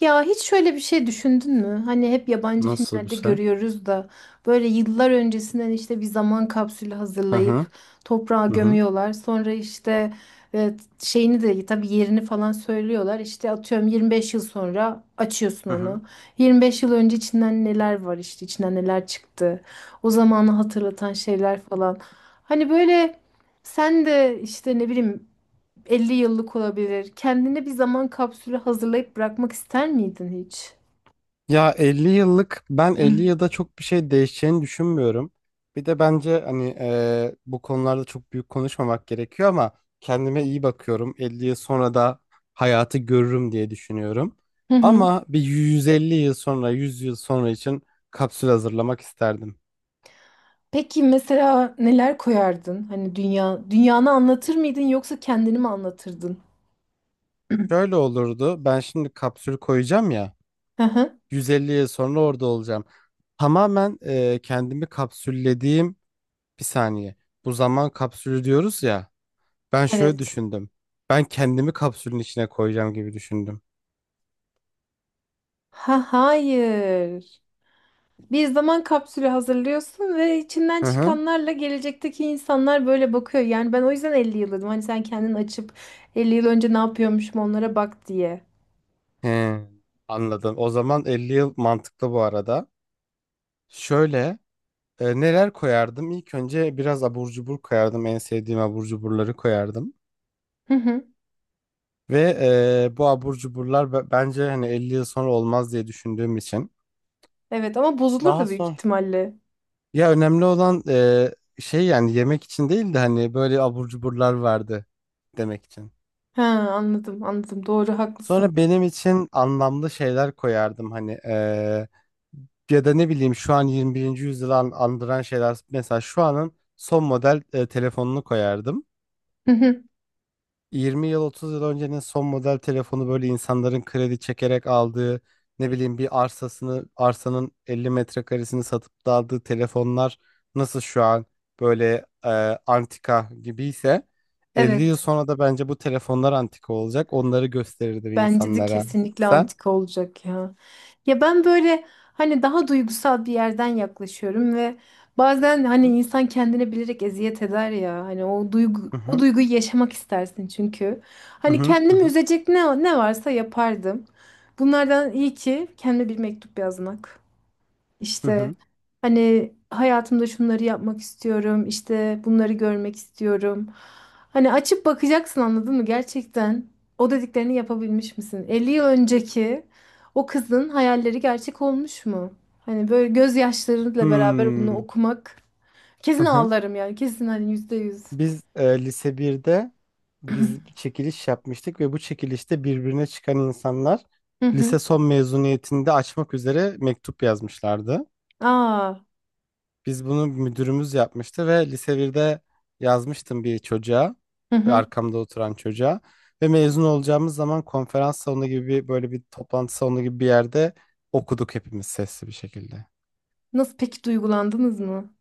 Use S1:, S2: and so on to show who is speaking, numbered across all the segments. S1: Ya hiç şöyle bir şey düşündün mü? Hani hep yabancı
S2: Nasıl bir
S1: filmlerde
S2: şey?
S1: görüyoruz da böyle yıllar öncesinden işte bir zaman kapsülü
S2: Hı hı.
S1: hazırlayıp toprağa
S2: Hı hı.
S1: gömüyorlar. Sonra işte şeyini de tabii yerini falan söylüyorlar. İşte atıyorum 25 yıl sonra açıyorsun
S2: Hı
S1: onu.
S2: hı.
S1: 25 yıl önce içinden neler var işte içinden neler çıktı. O zamanı hatırlatan şeyler falan. Hani böyle sen de işte ne bileyim 50 yıllık olabilir. Kendine bir zaman kapsülü hazırlayıp bırakmak ister miydin hiç?
S2: Ya 50 yıllık, ben 50 yılda çok bir şey değişeceğini düşünmüyorum. Bir de bence hani bu konularda çok büyük konuşmamak gerekiyor ama kendime iyi bakıyorum. 50 yıl sonra da hayatı görürüm diye düşünüyorum.
S1: Hı hı.
S2: Ama bir 150 yıl sonra, 100 yıl sonra için kapsül hazırlamak isterdim.
S1: Peki mesela neler koyardın? Hani dünya dünyanı anlatır mıydın yoksa kendini mi anlatırdın?
S2: Şöyle olurdu. Ben şimdi kapsül koyacağım ya.
S1: Hı hı.
S2: 150 yıl sonra orada olacağım. Tamamen kendimi kapsüllediğim. Bir saniye. Bu zaman kapsülü diyoruz ya. Ben şöyle
S1: Evet.
S2: düşündüm. Ben kendimi kapsülün içine koyacağım gibi düşündüm.
S1: Ha hayır. Bir zaman kapsülü hazırlıyorsun ve içinden
S2: Hı hı.
S1: çıkanlarla gelecekteki insanlar böyle bakıyor. Yani ben o yüzden 50 yıl dedim. Hani sen kendini açıp 50 yıl önce ne yapıyormuşum onlara bak diye.
S2: He, anladım. O zaman 50 yıl mantıklı bu arada. Şöyle neler koyardım? İlk önce biraz abur cubur koyardım. En sevdiğim abur cuburları koyardım.
S1: Hı hı.
S2: Ve bu abur cuburlar bence hani 50 yıl sonra olmaz diye düşündüğüm için.
S1: Evet, ama
S2: Daha
S1: bozulurdu büyük
S2: sonra.
S1: ihtimalle.
S2: Ya önemli olan şey, yani yemek için değil de hani böyle abur cuburlar vardı demek için.
S1: Ha, anladım, anladım. Doğru, haklısın.
S2: Sonra benim için anlamlı şeyler koyardım hani ya da ne bileyim şu an 21. yüzyılı andıran şeyler, mesela şu anın son model telefonunu koyardım.
S1: Hı hı.
S2: 20 yıl 30 yıl öncenin son model telefonu, böyle insanların kredi çekerek aldığı, ne bileyim, bir arsasını, arsanın 50 metrekaresini satıp da aldığı telefonlar nasıl şu an böyle antika gibiyse, 50 yıl
S1: Evet,
S2: sonra da bence bu telefonlar antika olacak, onları gösterirdim
S1: bence de
S2: insanlara.
S1: kesinlikle
S2: Sen?
S1: antika olacak ya. Ya ben böyle hani daha duygusal bir yerden yaklaşıyorum ve bazen hani
S2: Hı
S1: insan kendine bilerek eziyet eder ya. Hani o duygu,
S2: hı
S1: o
S2: hı
S1: duyguyu yaşamak istersin çünkü.
S2: hı
S1: Hani
S2: hı
S1: kendimi
S2: hı
S1: üzecek ne varsa yapardım. Bunlardan iyi ki kendime bir mektup yazmak.
S2: hı.
S1: İşte
S2: hı.
S1: hani hayatımda şunları yapmak istiyorum, işte bunları görmek istiyorum. Hani açıp bakacaksın, anladın mı? Gerçekten o dediklerini yapabilmiş misin? 50 yıl önceki o kızın hayalleri gerçek olmuş mu? Hani böyle gözyaşlarıyla beraber bunu
S2: Hmm,
S1: okumak kesin
S2: hı hı.
S1: ağlarım yani, kesin hani yüzde yüz.
S2: Biz lise birde, biz bir çekiliş yapmıştık ve bu çekilişte birbirine çıkan insanlar
S1: Hı
S2: lise
S1: hı.
S2: son mezuniyetinde açmak üzere mektup yazmışlardı.
S1: Aa.
S2: Biz bunu müdürümüz yapmıştı ve lise birde yazmıştım bir çocuğa,
S1: Hı hı.
S2: arkamda oturan çocuğa, ve mezun olacağımız zaman konferans salonu gibi böyle bir toplantı salonu gibi bir yerde okuduk hepimiz sesli bir şekilde.
S1: Nasıl peki, duygulandınız mı?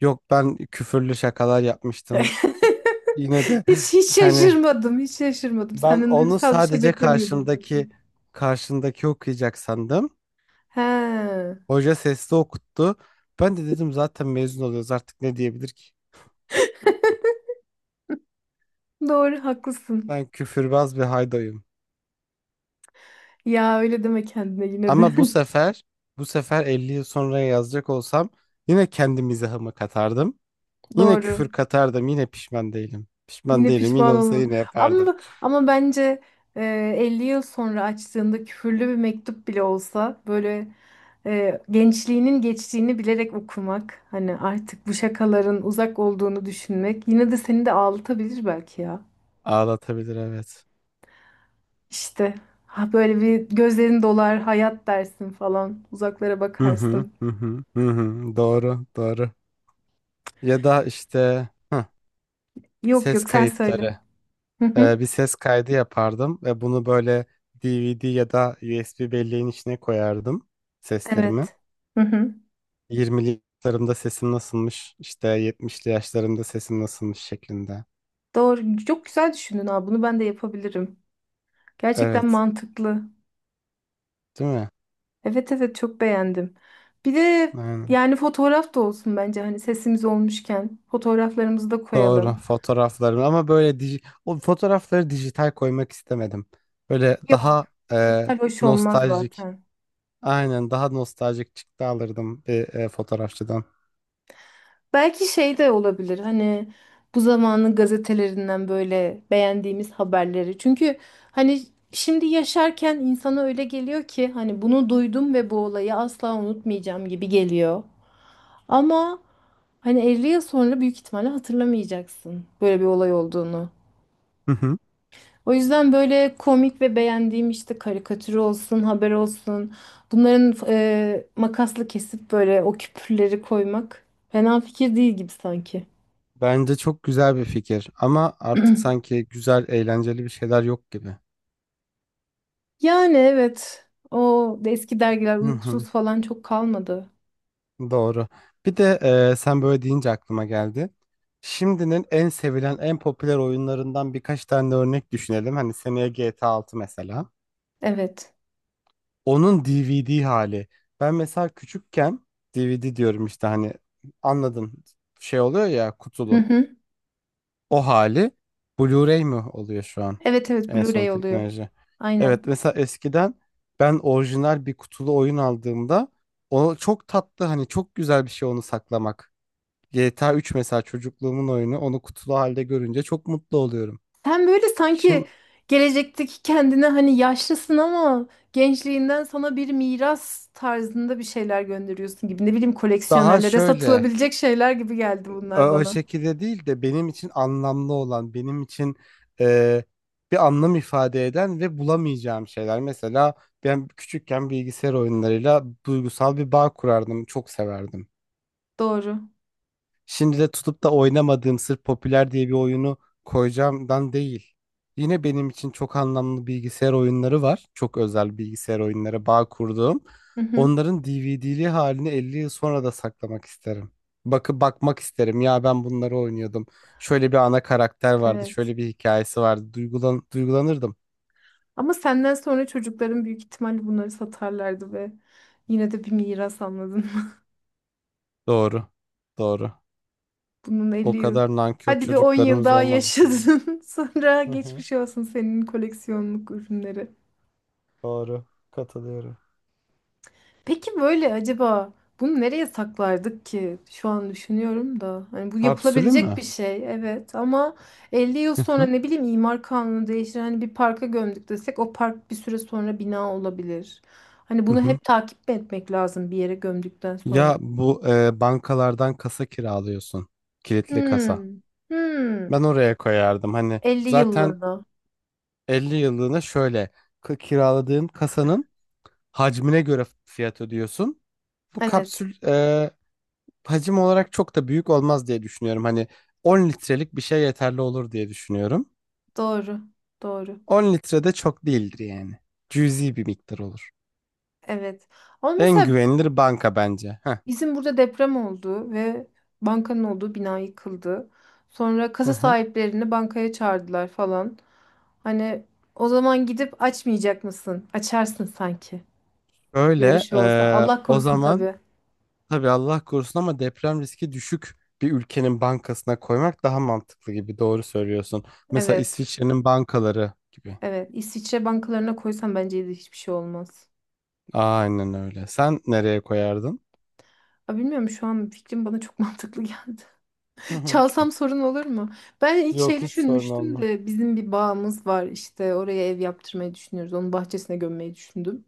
S2: Yok, ben küfürlü şakalar yapmıştım. Yine de
S1: Hiç hiç
S2: hani
S1: şaşırmadım, hiç şaşırmadım.
S2: ben
S1: Senden
S2: onu
S1: duygusal bir şey
S2: sadece
S1: beklemiyordum zaten.
S2: karşındaki okuyacak sandım.
S1: He,
S2: Hoca sesli okuttu. Ben de dedim zaten mezun oluyoruz artık, ne diyebilir ki?
S1: doğru haklısın.
S2: Ben küfürbaz bir haydoyum.
S1: Ya öyle deme kendine yine de.
S2: Ama bu sefer 50 yıl sonra yazacak olsam yine kendi mizahımı katardım. Yine
S1: Doğru.
S2: küfür katardım. Yine pişman değilim. Pişman
S1: Yine
S2: değilim. Yine
S1: pişman
S2: olsa
S1: olma.
S2: yine yapardım.
S1: Ama bence 50 yıl sonra açtığında küfürlü bir mektup bile olsa böyle gençliğinin geçtiğini bilerek okumak, hani artık bu şakaların uzak olduğunu düşünmek yine de seni de ağlatabilir belki ya.
S2: Ağlatabilir, evet.
S1: İşte ha böyle bir gözlerin dolar, hayat dersin falan, uzaklara bakarsın.
S2: Hı. Doğru, doğru. Ya da işte
S1: Yok
S2: Ses
S1: yok, sen söyle.
S2: kayıtları. Bir ses kaydı yapardım ve bunu böyle DVD ya da USB belleğin içine koyardım, seslerimi.
S1: Evet. Hı hı.
S2: 20'li yaşlarımda sesim nasılmış, işte 70'li yaşlarımda sesim nasılmış şeklinde.
S1: Doğru. Çok güzel düşündün abi. Bunu ben de yapabilirim. Gerçekten
S2: Evet,
S1: mantıklı.
S2: değil mi?
S1: Evet evet, çok beğendim. Bir de
S2: Aynen.
S1: yani fotoğraf da olsun bence, hani sesimiz olmuşken fotoğraflarımızı da
S2: Doğru,
S1: koyalım.
S2: fotoğraflarım ama böyle o fotoğrafları dijital koymak istemedim. Böyle
S1: Yok.
S2: daha e,
S1: Dijital hoş olmaz
S2: nostaljik,
S1: zaten.
S2: aynen, daha nostaljik çıktı alırdım bir fotoğrafçıdan.
S1: Belki şey de olabilir, hani bu zamanın gazetelerinden böyle beğendiğimiz haberleri. Çünkü hani şimdi yaşarken insana öyle geliyor ki hani bunu duydum ve bu olayı asla unutmayacağım gibi geliyor. Ama hani 50 yıl sonra büyük ihtimalle hatırlamayacaksın böyle bir olay olduğunu. O yüzden böyle komik ve beğendiğim işte, karikatür olsun, haber olsun. Bunların makasla kesip böyle o küpürleri koymak fena fikir değil gibi sanki.
S2: Bence çok güzel bir fikir ama artık sanki güzel, eğlenceli bir şeyler yok gibi.
S1: Yani evet. O eski dergiler
S2: Hı
S1: uykusuz
S2: hı,
S1: falan çok kalmadı.
S2: doğru. Bir de sen böyle deyince aklıma geldi. Şimdinin en sevilen, en popüler oyunlarından birkaç tane örnek düşünelim. Hani seneye GTA 6 mesela.
S1: Evet.
S2: Onun DVD hali. Ben mesela küçükken DVD diyorum işte, hani anladın, şey oluyor ya,
S1: Hı
S2: kutulu.
S1: hı.
S2: O hali Blu-ray mi oluyor şu an?
S1: Evet evet,
S2: En son
S1: Blu-ray oluyor.
S2: teknoloji. Evet,
S1: Aynen.
S2: mesela eskiden ben orijinal bir kutulu oyun aldığımda, o çok tatlı, hani çok güzel bir şey onu saklamak. GTA 3 mesela, çocukluğumun oyunu, onu kutulu halde görünce çok mutlu oluyorum.
S1: Sen böyle
S2: Şimdi
S1: sanki gelecekteki kendine, hani yaşlısın ama gençliğinden sana bir miras tarzında bir şeyler gönderiyorsun gibi. Ne bileyim,
S2: daha
S1: koleksiyonerlere
S2: şöyle,
S1: satılabilecek şeyler gibi geldi bunlar
S2: o
S1: bana.
S2: şekilde değil de benim için anlamlı olan, benim için e, bir anlam ifade eden ve bulamayacağım şeyler. Mesela ben küçükken bilgisayar oyunlarıyla duygusal bir bağ kurardım, çok severdim.
S1: Doğru.
S2: Şimdi de tutup da oynamadığım sırf popüler diye bir oyunu koyacağımdan değil. Yine benim için çok anlamlı bilgisayar oyunları var. Çok özel bilgisayar oyunları, bağ kurduğum.
S1: Hı hı.
S2: Onların DVD'li halini 50 yıl sonra da saklamak isterim. Bakmak isterim. Ya ben bunları oynuyordum. Şöyle bir ana karakter vardı.
S1: Evet.
S2: Şöyle bir hikayesi vardı. Duygulanırdım.
S1: Ama senden sonra çocukların büyük ihtimalle bunları satarlardı ve yine de bir miras, anladın.
S2: Doğru. Doğru.
S1: Bunun 50
S2: O
S1: yıl.
S2: kadar nankör
S1: Hadi bir 10 yıl
S2: çocuklarımız
S1: daha
S2: olmaz inşallah.
S1: yaşadın. Sonra
S2: Hı hı.
S1: geçmiş olsun senin koleksiyonluk ürünleri.
S2: Doğru. Katılıyorum.
S1: Peki böyle acaba bunu nereye saklardık ki? Şu an düşünüyorum da. Hani bu
S2: Kapsülü
S1: yapılabilecek
S2: mü?
S1: bir şey evet, ama 50 yıl
S2: Hı
S1: sonra
S2: hı.
S1: ne bileyim imar kanunu değişir. Hani bir parka gömdük desek o park bir süre sonra bina olabilir. Hani
S2: Hı
S1: bunu
S2: hı.
S1: hep takip etmek lazım bir yere gömdükten sonra.
S2: Ya bu bankalardan kasa kiralıyorsun. Kilitli kasa.
S1: Hmm. Hmm.
S2: Ben oraya koyardım. Hani
S1: 50
S2: zaten
S1: yıllığına.
S2: 50 yıllığına şöyle kiraladığın kasanın hacmine göre fiyat ödüyorsun. Bu
S1: Evet.
S2: kapsül hacim olarak çok da büyük olmaz diye düşünüyorum. Hani 10 litrelik bir şey yeterli olur diye düşünüyorum.
S1: Doğru. Doğru.
S2: 10 litre de çok değildir yani. Cüzi bir miktar olur.
S1: Evet. Ama
S2: En
S1: mesela
S2: güvenilir banka bence. Heh.
S1: bizim burada deprem oldu ve bankanın olduğu bina yıkıldı. Sonra
S2: Hı
S1: kasa
S2: hı.
S1: sahiplerini bankaya çağırdılar falan. Hani o zaman gidip açmayacak mısın? Açarsın sanki. Böyle bir
S2: Şöyle
S1: şey olsa. Allah
S2: o
S1: korusun
S2: zaman.
S1: tabii.
S2: Tabii Allah korusun ama deprem riski düşük bir ülkenin bankasına koymak daha mantıklı gibi, doğru söylüyorsun. Mesela
S1: Evet.
S2: İsviçre'nin bankaları gibi.
S1: Evet. İsviçre bankalarına koysam bence de hiçbir şey olmaz.
S2: Aynen öyle. Sen nereye koyardın?
S1: Aa, bilmiyorum, şu an fikrim bana çok mantıklı geldi.
S2: Hı hı.
S1: Çalsam sorun olur mu? Ben ilk şey
S2: Yok, hiç sorun
S1: düşünmüştüm
S2: olmaz.
S1: de, bizim bir bağımız var işte, oraya ev yaptırmayı düşünüyoruz. Onun bahçesine gömmeyi düşündüm.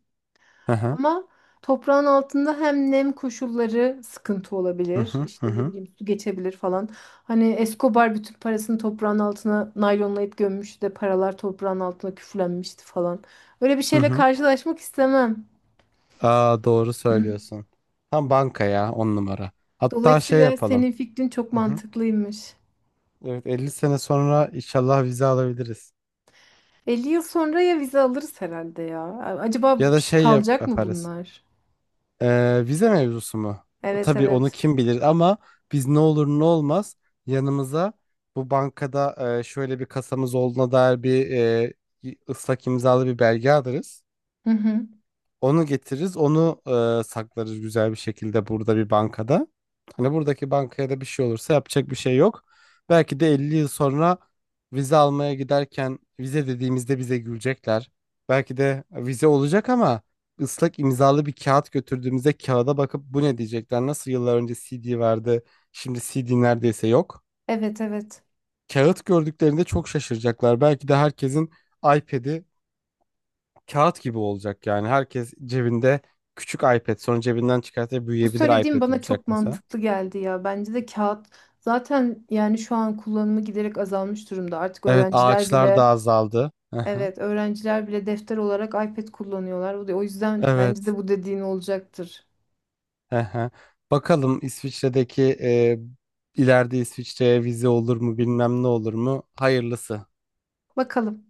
S2: Hı hı.
S1: Ama toprağın altında hem nem koşulları sıkıntı
S2: Hı
S1: olabilir.
S2: hı. Hı
S1: İşte ne
S2: hı.
S1: bileyim, su geçebilir falan. Hani Escobar bütün parasını toprağın altına naylonlayıp gömmüştü de paralar toprağın altına küflenmişti falan. Öyle bir
S2: Hı
S1: şeyle
S2: hı.
S1: karşılaşmak istemem.
S2: Aa, doğru söylüyorsun. Tam banka ya, on numara. Hatta şey
S1: Dolayısıyla
S2: yapalım.
S1: senin fikrin çok
S2: Hı hı.
S1: mantıklıymış.
S2: Evet, 50 sene sonra inşallah vize alabiliriz.
S1: 50 yıl sonra ya vize alırız herhalde ya. Acaba
S2: Ya da
S1: ş-
S2: şey
S1: kalacak mı
S2: yaparız.
S1: bunlar?
S2: Vize mevzusu mu?
S1: Evet
S2: Tabii onu
S1: evet.
S2: kim bilir ama biz ne olur ne olmaz yanımıza bu bankada şöyle bir kasamız olduğuna dair bir ıslak imzalı bir belge alırız.
S1: Hı hı.
S2: Onu getiririz, onu saklarız güzel bir şekilde burada bir bankada. Hani buradaki bankaya da bir şey olursa yapacak bir şey yok. Belki de 50 yıl sonra vize almaya giderken vize dediğimizde bize gülecekler. Belki de vize olacak ama ıslak imzalı bir kağıt götürdüğümüzde kağıda bakıp bu ne diyecekler? Nasıl yıllar önce CD vardı, şimdi CD neredeyse yok.
S1: Evet evet.
S2: Kağıt gördüklerinde çok şaşıracaklar. Belki de herkesin iPad'i kağıt gibi olacak yani. Herkes cebinde küçük iPad, sonra cebinden çıkartıp
S1: Bu
S2: büyüyebilir
S1: söylediğim
S2: iPad
S1: bana
S2: olacak
S1: çok
S2: mesela.
S1: mantıklı geldi ya. Bence de kağıt zaten, yani şu an kullanımı giderek azalmış durumda. Artık
S2: Evet,
S1: öğrenciler
S2: ağaçlar da
S1: bile,
S2: azaldı. Hı.
S1: evet öğrenciler bile defter olarak iPad kullanıyorlar. O yüzden bence
S2: Evet.
S1: de bu dediğin olacaktır.
S2: Hı hı. Bakalım İsviçre'deki ileride İsviçre'ye vize olur mu bilmem, ne olur mu? Hayırlısı.
S1: Bakalım.